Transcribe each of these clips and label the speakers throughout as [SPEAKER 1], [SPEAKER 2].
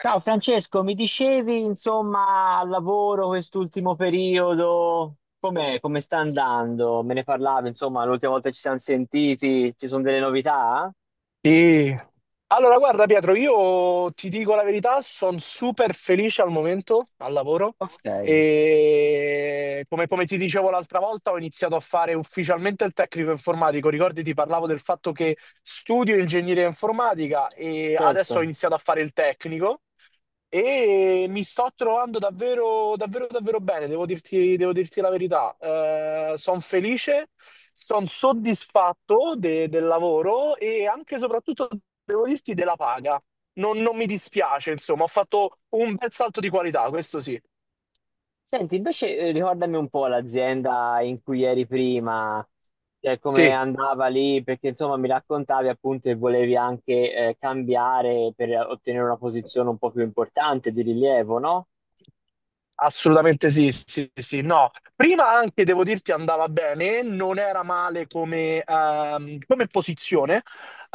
[SPEAKER 1] Ciao Francesco, mi dicevi insomma al lavoro quest'ultimo periodo, com'è, come sta andando? Me ne parlavi insomma l'ultima volta che ci siamo sentiti, ci sono delle novità?
[SPEAKER 2] Sì. Allora, guarda Pietro, io ti dico la verità, sono super felice al momento, al lavoro,
[SPEAKER 1] Ok,
[SPEAKER 2] e come ti dicevo l'altra volta ho iniziato a fare ufficialmente il tecnico informatico, ricordi ti parlavo del fatto che studio ingegneria informatica e adesso ho
[SPEAKER 1] certo.
[SPEAKER 2] iniziato a fare il tecnico e mi sto trovando davvero, davvero, davvero bene, devo dirti la verità. Sono felice, sono soddisfatto del lavoro e anche e soprattutto, devo dirti, della paga. Non mi dispiace, insomma, ho fatto un bel salto di qualità, questo sì.
[SPEAKER 1] Senti, invece ricordami un po' l'azienda in cui eri prima, cioè come
[SPEAKER 2] Sì.
[SPEAKER 1] andava lì, perché insomma mi raccontavi appunto che volevi anche cambiare per ottenere una posizione un po' più importante di rilievo, no?
[SPEAKER 2] Assolutamente sì, sì, sì, no. Prima anche, devo dirti, andava bene, non era male come posizione.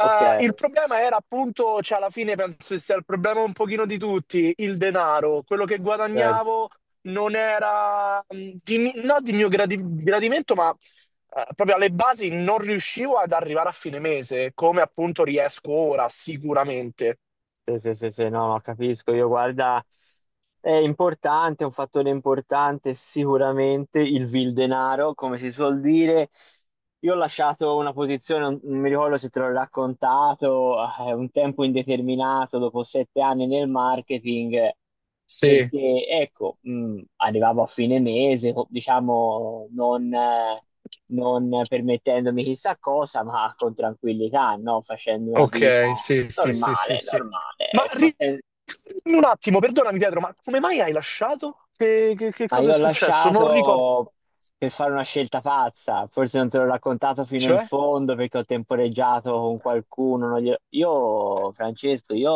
[SPEAKER 1] Ok,
[SPEAKER 2] Il problema era appunto, cioè alla fine penso che sia il problema un pochino di tutti, il denaro. Quello che
[SPEAKER 1] certo.
[SPEAKER 2] guadagnavo non era, di no di mio gradimento, ma proprio alle basi non riuscivo ad arrivare a fine mese, come appunto riesco ora, sicuramente.
[SPEAKER 1] Sì, sì, sì, sì, no, no, capisco. Io guarda, è importante, è un fattore importante sicuramente il vil denaro, come si suol dire. Io ho lasciato una posizione, non mi ricordo se te l'ho raccontato, un tempo indeterminato, dopo 7 anni nel marketing
[SPEAKER 2] Sì.
[SPEAKER 1] perché ecco, arrivavo a fine mese, diciamo, non permettendomi chissà cosa, ma con tranquillità, no? Facendo una vita
[SPEAKER 2] Ok, sì, sì, sì, sì,
[SPEAKER 1] normale,
[SPEAKER 2] sì.
[SPEAKER 1] normale,
[SPEAKER 2] Ma
[SPEAKER 1] ecco,
[SPEAKER 2] ri- dimmi un attimo, perdonami Pietro, ma come mai hai lasciato? Che
[SPEAKER 1] Ma
[SPEAKER 2] cosa è
[SPEAKER 1] io ho
[SPEAKER 2] successo? Non ricordo.
[SPEAKER 1] lasciato per fare una scelta pazza, forse non te l'ho raccontato fino in
[SPEAKER 2] Cioè?
[SPEAKER 1] fondo perché ho temporeggiato con qualcuno. Non glielo- Io, Francesco, io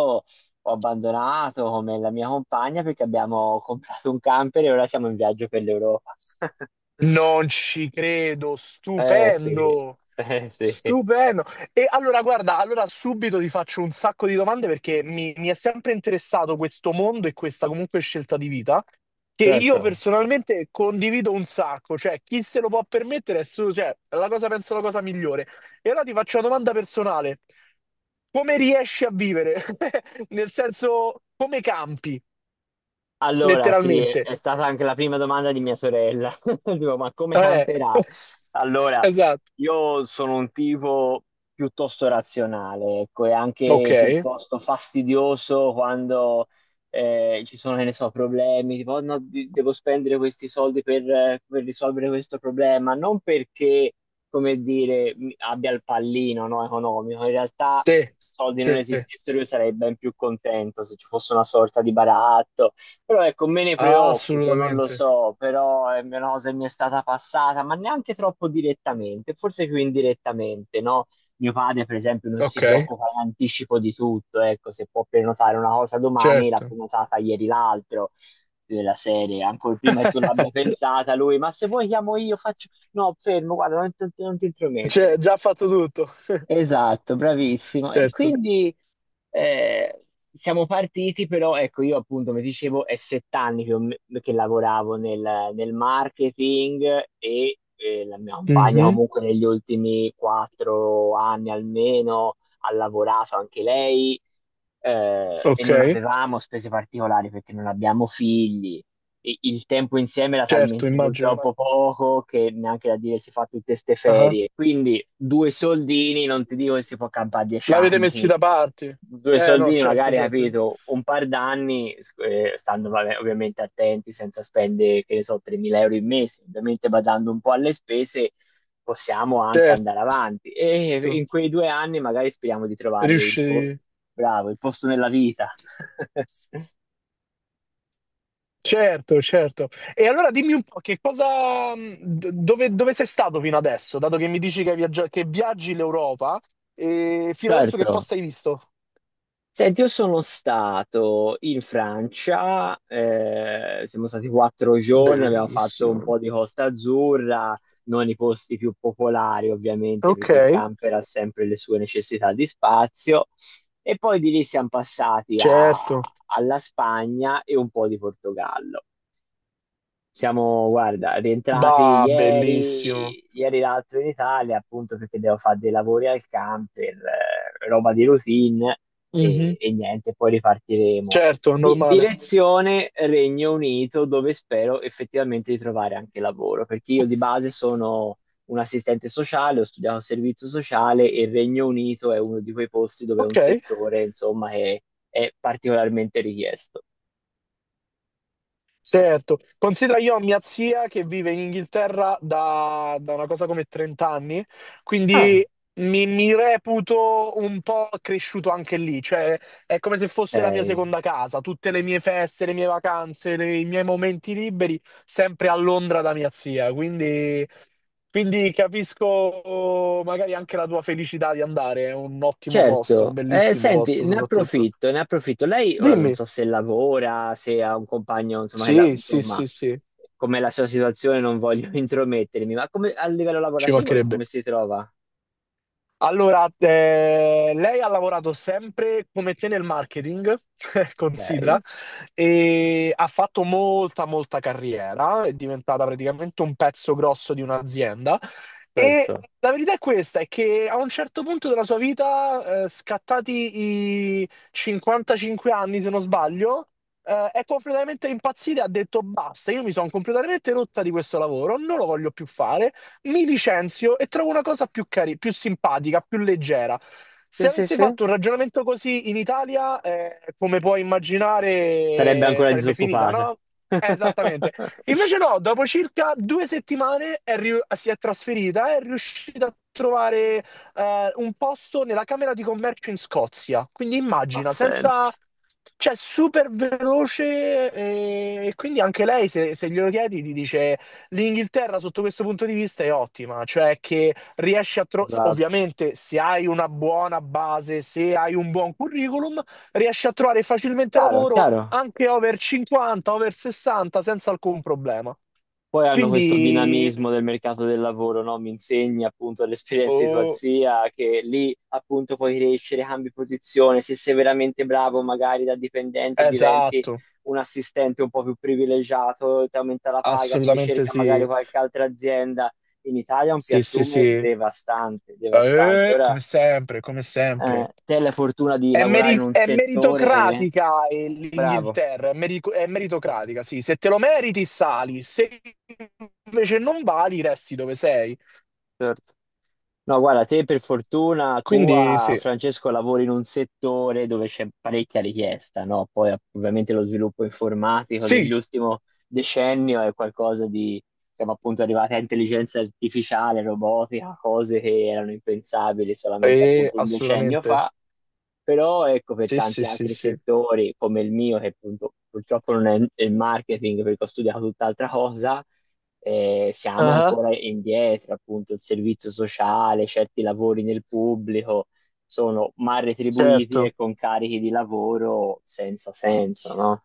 [SPEAKER 1] ho abbandonato come la mia compagna perché abbiamo comprato un camper e ora siamo in viaggio per l'Europa.
[SPEAKER 2] Non ci credo,
[SPEAKER 1] Eh sì,
[SPEAKER 2] stupendo,
[SPEAKER 1] eh sì,
[SPEAKER 2] stupendo. E allora, guarda, allora subito ti faccio un sacco di domande perché mi è sempre interessato questo mondo e questa comunque scelta di vita che io
[SPEAKER 1] certo.
[SPEAKER 2] personalmente condivido un sacco, cioè chi se lo può permettere è solo, cioè, è la cosa, penso, la cosa migliore. E allora ti faccio una domanda personale. Come riesci a vivere? Nel senso, come campi,
[SPEAKER 1] Allora, sì,
[SPEAKER 2] letteralmente.
[SPEAKER 1] è stata anche la prima domanda di mia sorella. Dico, ma come
[SPEAKER 2] Eh,
[SPEAKER 1] camperà? Allora,
[SPEAKER 2] esatto.
[SPEAKER 1] io sono un tipo piuttosto razionale, ecco, e
[SPEAKER 2] Ok.
[SPEAKER 1] anche piuttosto fastidioso quando ci sono, che ne so, problemi, tipo, "Oh, no, devo spendere questi soldi per risolvere questo problema, non perché, come dire, abbia il pallino, no, economico, in realtà
[SPEAKER 2] Sì,
[SPEAKER 1] se i soldi non
[SPEAKER 2] sì,
[SPEAKER 1] esistessero io sarei ben più contento se ci fosse una sorta di baratto. Però ecco, me ne preoccupo, non lo
[SPEAKER 2] assolutamente.
[SPEAKER 1] so, però è una cosa che mi è stata passata, ma neanche troppo direttamente, forse più indirettamente, no? Mio padre, per esempio, non si
[SPEAKER 2] Ok,
[SPEAKER 1] preoccupa in anticipo di tutto, ecco, se può prenotare una cosa domani, l'ha
[SPEAKER 2] certo.
[SPEAKER 1] prenotata ieri l'altro, della serie, ancora prima che tu l'abbia pensata lui, ma se vuoi chiamo io, faccio... No, fermo, guarda, non, non ti
[SPEAKER 2] Cioè,
[SPEAKER 1] intromettere.
[SPEAKER 2] già fatto tutto.
[SPEAKER 1] Esatto, bravissimo. E
[SPEAKER 2] Certo.
[SPEAKER 1] quindi eh, siamo partiti, però ecco, io appunto, come dicevo, è 7 anni che, che lavoravo nel marketing e la mia compagna
[SPEAKER 2] Mhm.
[SPEAKER 1] comunque negli ultimi 4 anni almeno ha lavorato anche lei, e non
[SPEAKER 2] Ok,
[SPEAKER 1] avevamo spese particolari perché non abbiamo figli. Il tempo insieme era
[SPEAKER 2] certo,
[SPEAKER 1] talmente
[SPEAKER 2] immagino.
[SPEAKER 1] purtroppo poco che neanche da dire si fa tutte queste
[SPEAKER 2] Ah,
[SPEAKER 1] ferie. Quindi due soldini, non ti dico che si può campare dieci
[SPEAKER 2] l'avete messi
[SPEAKER 1] anni,
[SPEAKER 2] da parte?
[SPEAKER 1] due
[SPEAKER 2] No,
[SPEAKER 1] soldini
[SPEAKER 2] certo,
[SPEAKER 1] magari,
[SPEAKER 2] certo,
[SPEAKER 1] capito, un par d'anni, stando vabbè, ovviamente attenti, senza spendere, che ne so, 3.000 euro in mese, ovviamente badando un po' alle spese, possiamo anche
[SPEAKER 2] certo.
[SPEAKER 1] andare avanti. E in quei 2 anni magari speriamo di trovare il
[SPEAKER 2] Riusci...
[SPEAKER 1] bravo, il posto nella vita.
[SPEAKER 2] Certo, certo. E allora dimmi un po' che cosa... Dove sei stato fino adesso? Dato che mi dici che, hai che viaggi l'Europa, e fino adesso che
[SPEAKER 1] Certo,
[SPEAKER 2] posto hai visto?
[SPEAKER 1] senti, io sono stato in Francia, siamo stati 4 giorni, abbiamo fatto un
[SPEAKER 2] Bellissimo.
[SPEAKER 1] po' di Costa Azzurra, non i posti più popolari ovviamente
[SPEAKER 2] Ok.
[SPEAKER 1] perché il camper ha sempre le sue necessità di spazio e poi di lì siamo
[SPEAKER 2] Certo.
[SPEAKER 1] alla Spagna e un po' di Portogallo. Siamo, guarda, rientrati
[SPEAKER 2] Bah, bellissimo.
[SPEAKER 1] ieri, ieri l'altro in Italia, appunto perché devo fare dei lavori al camper, roba di routine
[SPEAKER 2] Mh-mh.
[SPEAKER 1] e niente, poi ripartiremo.
[SPEAKER 2] Certo, normale.
[SPEAKER 1] Direzione Regno Unito, dove spero effettivamente di trovare anche lavoro, perché io di base sono un assistente sociale, ho studiato servizio sociale e il Regno Unito è uno di quei posti dove è un
[SPEAKER 2] Okay.
[SPEAKER 1] settore, insomma, che è particolarmente richiesto.
[SPEAKER 2] Certo, considera io ho mia zia che vive in Inghilterra da una cosa come 30 anni,
[SPEAKER 1] Ah,
[SPEAKER 2] quindi mi reputo un po' cresciuto anche lì, cioè è come se fosse la mia
[SPEAKER 1] eh,
[SPEAKER 2] seconda casa, tutte le mie feste, le mie vacanze, i miei momenti liberi, sempre a Londra da mia zia, quindi, quindi capisco magari anche la tua felicità di andare, è un ottimo posto, un
[SPEAKER 1] certo,
[SPEAKER 2] bellissimo
[SPEAKER 1] senti,
[SPEAKER 2] posto
[SPEAKER 1] ne
[SPEAKER 2] soprattutto.
[SPEAKER 1] approfitto, ne approfitto. Lei ora non
[SPEAKER 2] Dimmi,
[SPEAKER 1] so se lavora, se ha un compagno, insomma,
[SPEAKER 2] sì, sì,
[SPEAKER 1] insomma,
[SPEAKER 2] sì, sì,
[SPEAKER 1] com'è la sua situazione, non voglio intromettermi, ma come, a livello
[SPEAKER 2] ci
[SPEAKER 1] lavorativo lei
[SPEAKER 2] mancherebbe.
[SPEAKER 1] come si trova?
[SPEAKER 2] Allora, lei ha lavorato sempre come te nel marketing, considera,
[SPEAKER 1] Ok,
[SPEAKER 2] e ha fatto molta, molta carriera, è diventata praticamente un pezzo grosso di un'azienda. E
[SPEAKER 1] certo.
[SPEAKER 2] la verità è questa, è che a un certo punto della sua vita, scattati i 55 anni, se non sbaglio, è completamente impazzita e ha detto basta, io mi sono completamente rotta di questo lavoro, non lo voglio più fare, mi licenzio e trovo una cosa più carina, più simpatica, più leggera.
[SPEAKER 1] Sì,
[SPEAKER 2] Se
[SPEAKER 1] sì,
[SPEAKER 2] avessi
[SPEAKER 1] sì.
[SPEAKER 2] fatto un ragionamento così in Italia, come puoi
[SPEAKER 1] Sarebbe
[SPEAKER 2] immaginare,
[SPEAKER 1] ancora
[SPEAKER 2] sarebbe finita,
[SPEAKER 1] disoccupata.
[SPEAKER 2] no? Esattamente. Invece no, dopo circa due settimane è si è trasferita, è riuscita a trovare un posto nella Camera di Commercio in Scozia. Quindi
[SPEAKER 1] Ma
[SPEAKER 2] immagina,
[SPEAKER 1] senti,
[SPEAKER 2] senza... cioè super veloce e quindi anche lei se glielo chiedi ti dice l'Inghilterra sotto questo punto di vista è ottima, cioè che riesci a trovare,
[SPEAKER 1] esatto.
[SPEAKER 2] ovviamente se hai una buona base, se hai un buon curriculum, riesci a trovare facilmente
[SPEAKER 1] Chiaro,
[SPEAKER 2] lavoro
[SPEAKER 1] chiaro.
[SPEAKER 2] anche over 50, over 60 senza alcun problema.
[SPEAKER 1] Poi hanno questo
[SPEAKER 2] Quindi,
[SPEAKER 1] dinamismo del mercato del lavoro, no? Mi insegni appunto l'esperienza di tua
[SPEAKER 2] oh,
[SPEAKER 1] zia, che lì appunto puoi crescere, cambi posizione, se sei veramente bravo magari da dipendente diventi
[SPEAKER 2] esatto,
[SPEAKER 1] un assistente un po' più privilegiato, ti aumenta la paga, ti
[SPEAKER 2] assolutamente
[SPEAKER 1] ricerca magari
[SPEAKER 2] sì,
[SPEAKER 1] qualche altra azienda. In Italia è un
[SPEAKER 2] sì, sì,
[SPEAKER 1] piattume
[SPEAKER 2] sì.
[SPEAKER 1] devastante, devastante. Ora,
[SPEAKER 2] Come sempre, come sempre.
[SPEAKER 1] te hai la fortuna di
[SPEAKER 2] È,
[SPEAKER 1] lavorare in
[SPEAKER 2] meri-
[SPEAKER 1] un
[SPEAKER 2] è
[SPEAKER 1] settore
[SPEAKER 2] meritocratica
[SPEAKER 1] bravo.
[SPEAKER 2] l'Inghilterra, è meritocratica, sì. Se te lo meriti, sali. Se invece non vali, resti dove sei.
[SPEAKER 1] Certo. No, guarda, te per fortuna
[SPEAKER 2] Quindi
[SPEAKER 1] tua,
[SPEAKER 2] sì.
[SPEAKER 1] Francesco, lavori in un settore dove c'è parecchia richiesta, no? Poi ovviamente lo sviluppo informatico
[SPEAKER 2] Sì,
[SPEAKER 1] dell'ultimo decennio è qualcosa di, siamo appunto arrivati a intelligenza artificiale, robotica, cose che erano impensabili solamente appunto un decennio
[SPEAKER 2] assolutamente.
[SPEAKER 1] fa, però ecco per
[SPEAKER 2] Sì,
[SPEAKER 1] tanti
[SPEAKER 2] sì, sì,
[SPEAKER 1] altri
[SPEAKER 2] sì.
[SPEAKER 1] settori come il mio, che appunto purtroppo non è il marketing perché ho studiato tutt'altra cosa, siamo
[SPEAKER 2] Ah,
[SPEAKER 1] ancora indietro, appunto, il servizio sociale, certi lavori nel pubblico sono mal retribuiti e
[SPEAKER 2] certo.
[SPEAKER 1] con carichi di lavoro senza senso, no?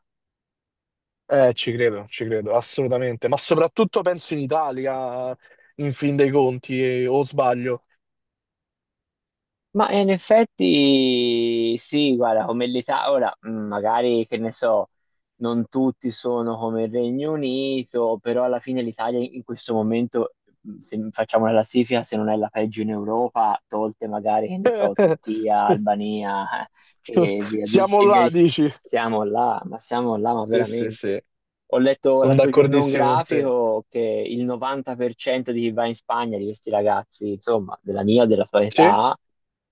[SPEAKER 2] Ci credo, assolutamente. Ma soprattutto penso in Italia, in fin dei conti, o sbaglio.
[SPEAKER 1] Ma in effetti sì, guarda, come l'Italia, ora magari che ne so, non tutti sono come il Regno Unito, però alla fine l'Italia in questo momento, se facciamo una classifica, se non è la peggio in Europa, tolte magari, che ne so, Turchia, Albania,
[SPEAKER 2] Siamo
[SPEAKER 1] e via
[SPEAKER 2] là, dici?
[SPEAKER 1] siamo là, ma siamo là, ma
[SPEAKER 2] Sì, sì,
[SPEAKER 1] veramente.
[SPEAKER 2] sì,
[SPEAKER 1] Ho letto
[SPEAKER 2] sono
[SPEAKER 1] l'altro giorno un
[SPEAKER 2] d'accordissimo con te.
[SPEAKER 1] grafico che il 90% di chi va in Spagna, di questi ragazzi, insomma, della mia, della tua
[SPEAKER 2] Sì,
[SPEAKER 1] età,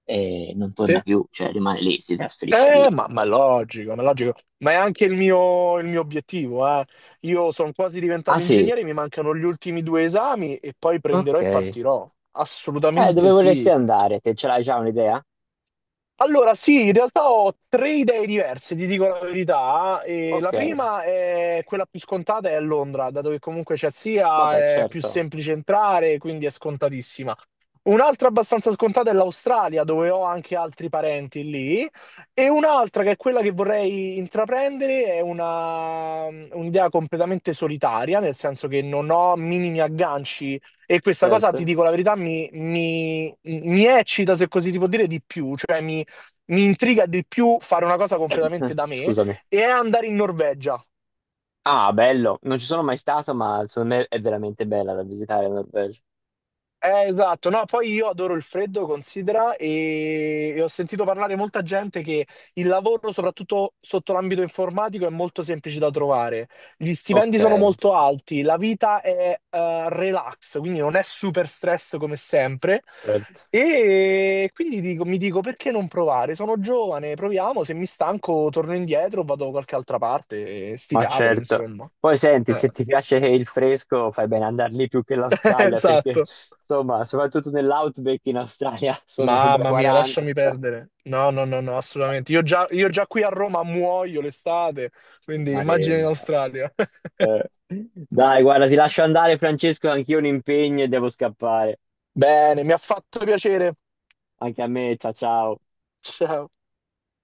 [SPEAKER 1] e non torna
[SPEAKER 2] sì.
[SPEAKER 1] più, cioè rimane lì, si trasferisce lì.
[SPEAKER 2] Ma è logico, ma è logico. Ma è anche il mio obiettivo, eh. Io sono quasi
[SPEAKER 1] Ah
[SPEAKER 2] diventato
[SPEAKER 1] sì,
[SPEAKER 2] ingegnere, mi mancano gli ultimi due esami e poi
[SPEAKER 1] ok.
[SPEAKER 2] prenderò e partirò.
[SPEAKER 1] Dove
[SPEAKER 2] Assolutamente
[SPEAKER 1] vorresti
[SPEAKER 2] sì.
[SPEAKER 1] andare? Te ce l'hai già un'idea?
[SPEAKER 2] Allora, sì, in realtà ho tre idee diverse, ti dico la verità. Eh. E la
[SPEAKER 1] Ok,
[SPEAKER 2] prima è quella più scontata, è a Londra, dato che comunque c'è
[SPEAKER 1] vabbè,
[SPEAKER 2] sia, è più
[SPEAKER 1] certo,
[SPEAKER 2] semplice entrare, quindi è scontatissima. Un'altra abbastanza scontata è l'Australia, dove ho anche altri parenti lì, e un'altra che è quella che vorrei intraprendere è una, un'idea completamente solitaria, nel senso che non ho minimi agganci e questa cosa, ti
[SPEAKER 1] certo.
[SPEAKER 2] dico la verità, mi eccita, se così si può dire, di più, cioè mi intriga di più fare una cosa completamente da me
[SPEAKER 1] Scusami.
[SPEAKER 2] e è andare in Norvegia.
[SPEAKER 1] Ah, bello, non ci sono mai stato, ma secondo me è veramente bella da visitare la Norvegia.
[SPEAKER 2] Esatto. No, poi io adoro il freddo, considera, e ho sentito parlare molta gente che il lavoro, soprattutto sotto l'ambito informatico, è molto semplice da trovare. Gli
[SPEAKER 1] Ok,
[SPEAKER 2] stipendi sono molto alti, la vita è relax, quindi non è super stress come sempre.
[SPEAKER 1] certo,
[SPEAKER 2] E quindi mi dico, perché non provare? Sono giovane, proviamo, se mi stanco torno indietro, vado da qualche altra parte, e sti
[SPEAKER 1] ma
[SPEAKER 2] cavoli,
[SPEAKER 1] certo.
[SPEAKER 2] insomma.
[SPEAKER 1] Poi senti,
[SPEAKER 2] Eh,
[SPEAKER 1] se ti piace il fresco, fai bene ad andare lì più che l'Australia, perché
[SPEAKER 2] esatto.
[SPEAKER 1] insomma, soprattutto nell'outback in Australia sono da
[SPEAKER 2] Mamma mia,
[SPEAKER 1] 40.
[SPEAKER 2] lasciami perdere. No, no, no, no, assolutamente. Io già qui a Roma muoio l'estate, quindi immagina in
[SPEAKER 1] Maremma.
[SPEAKER 2] Australia.
[SPEAKER 1] Eh, Dai, guarda, ti lascio andare, Francesco, anch'io ho un impegno e devo scappare.
[SPEAKER 2] Bene, mi ha fatto piacere.
[SPEAKER 1] Anche a me, ciao ciao.
[SPEAKER 2] Ciao.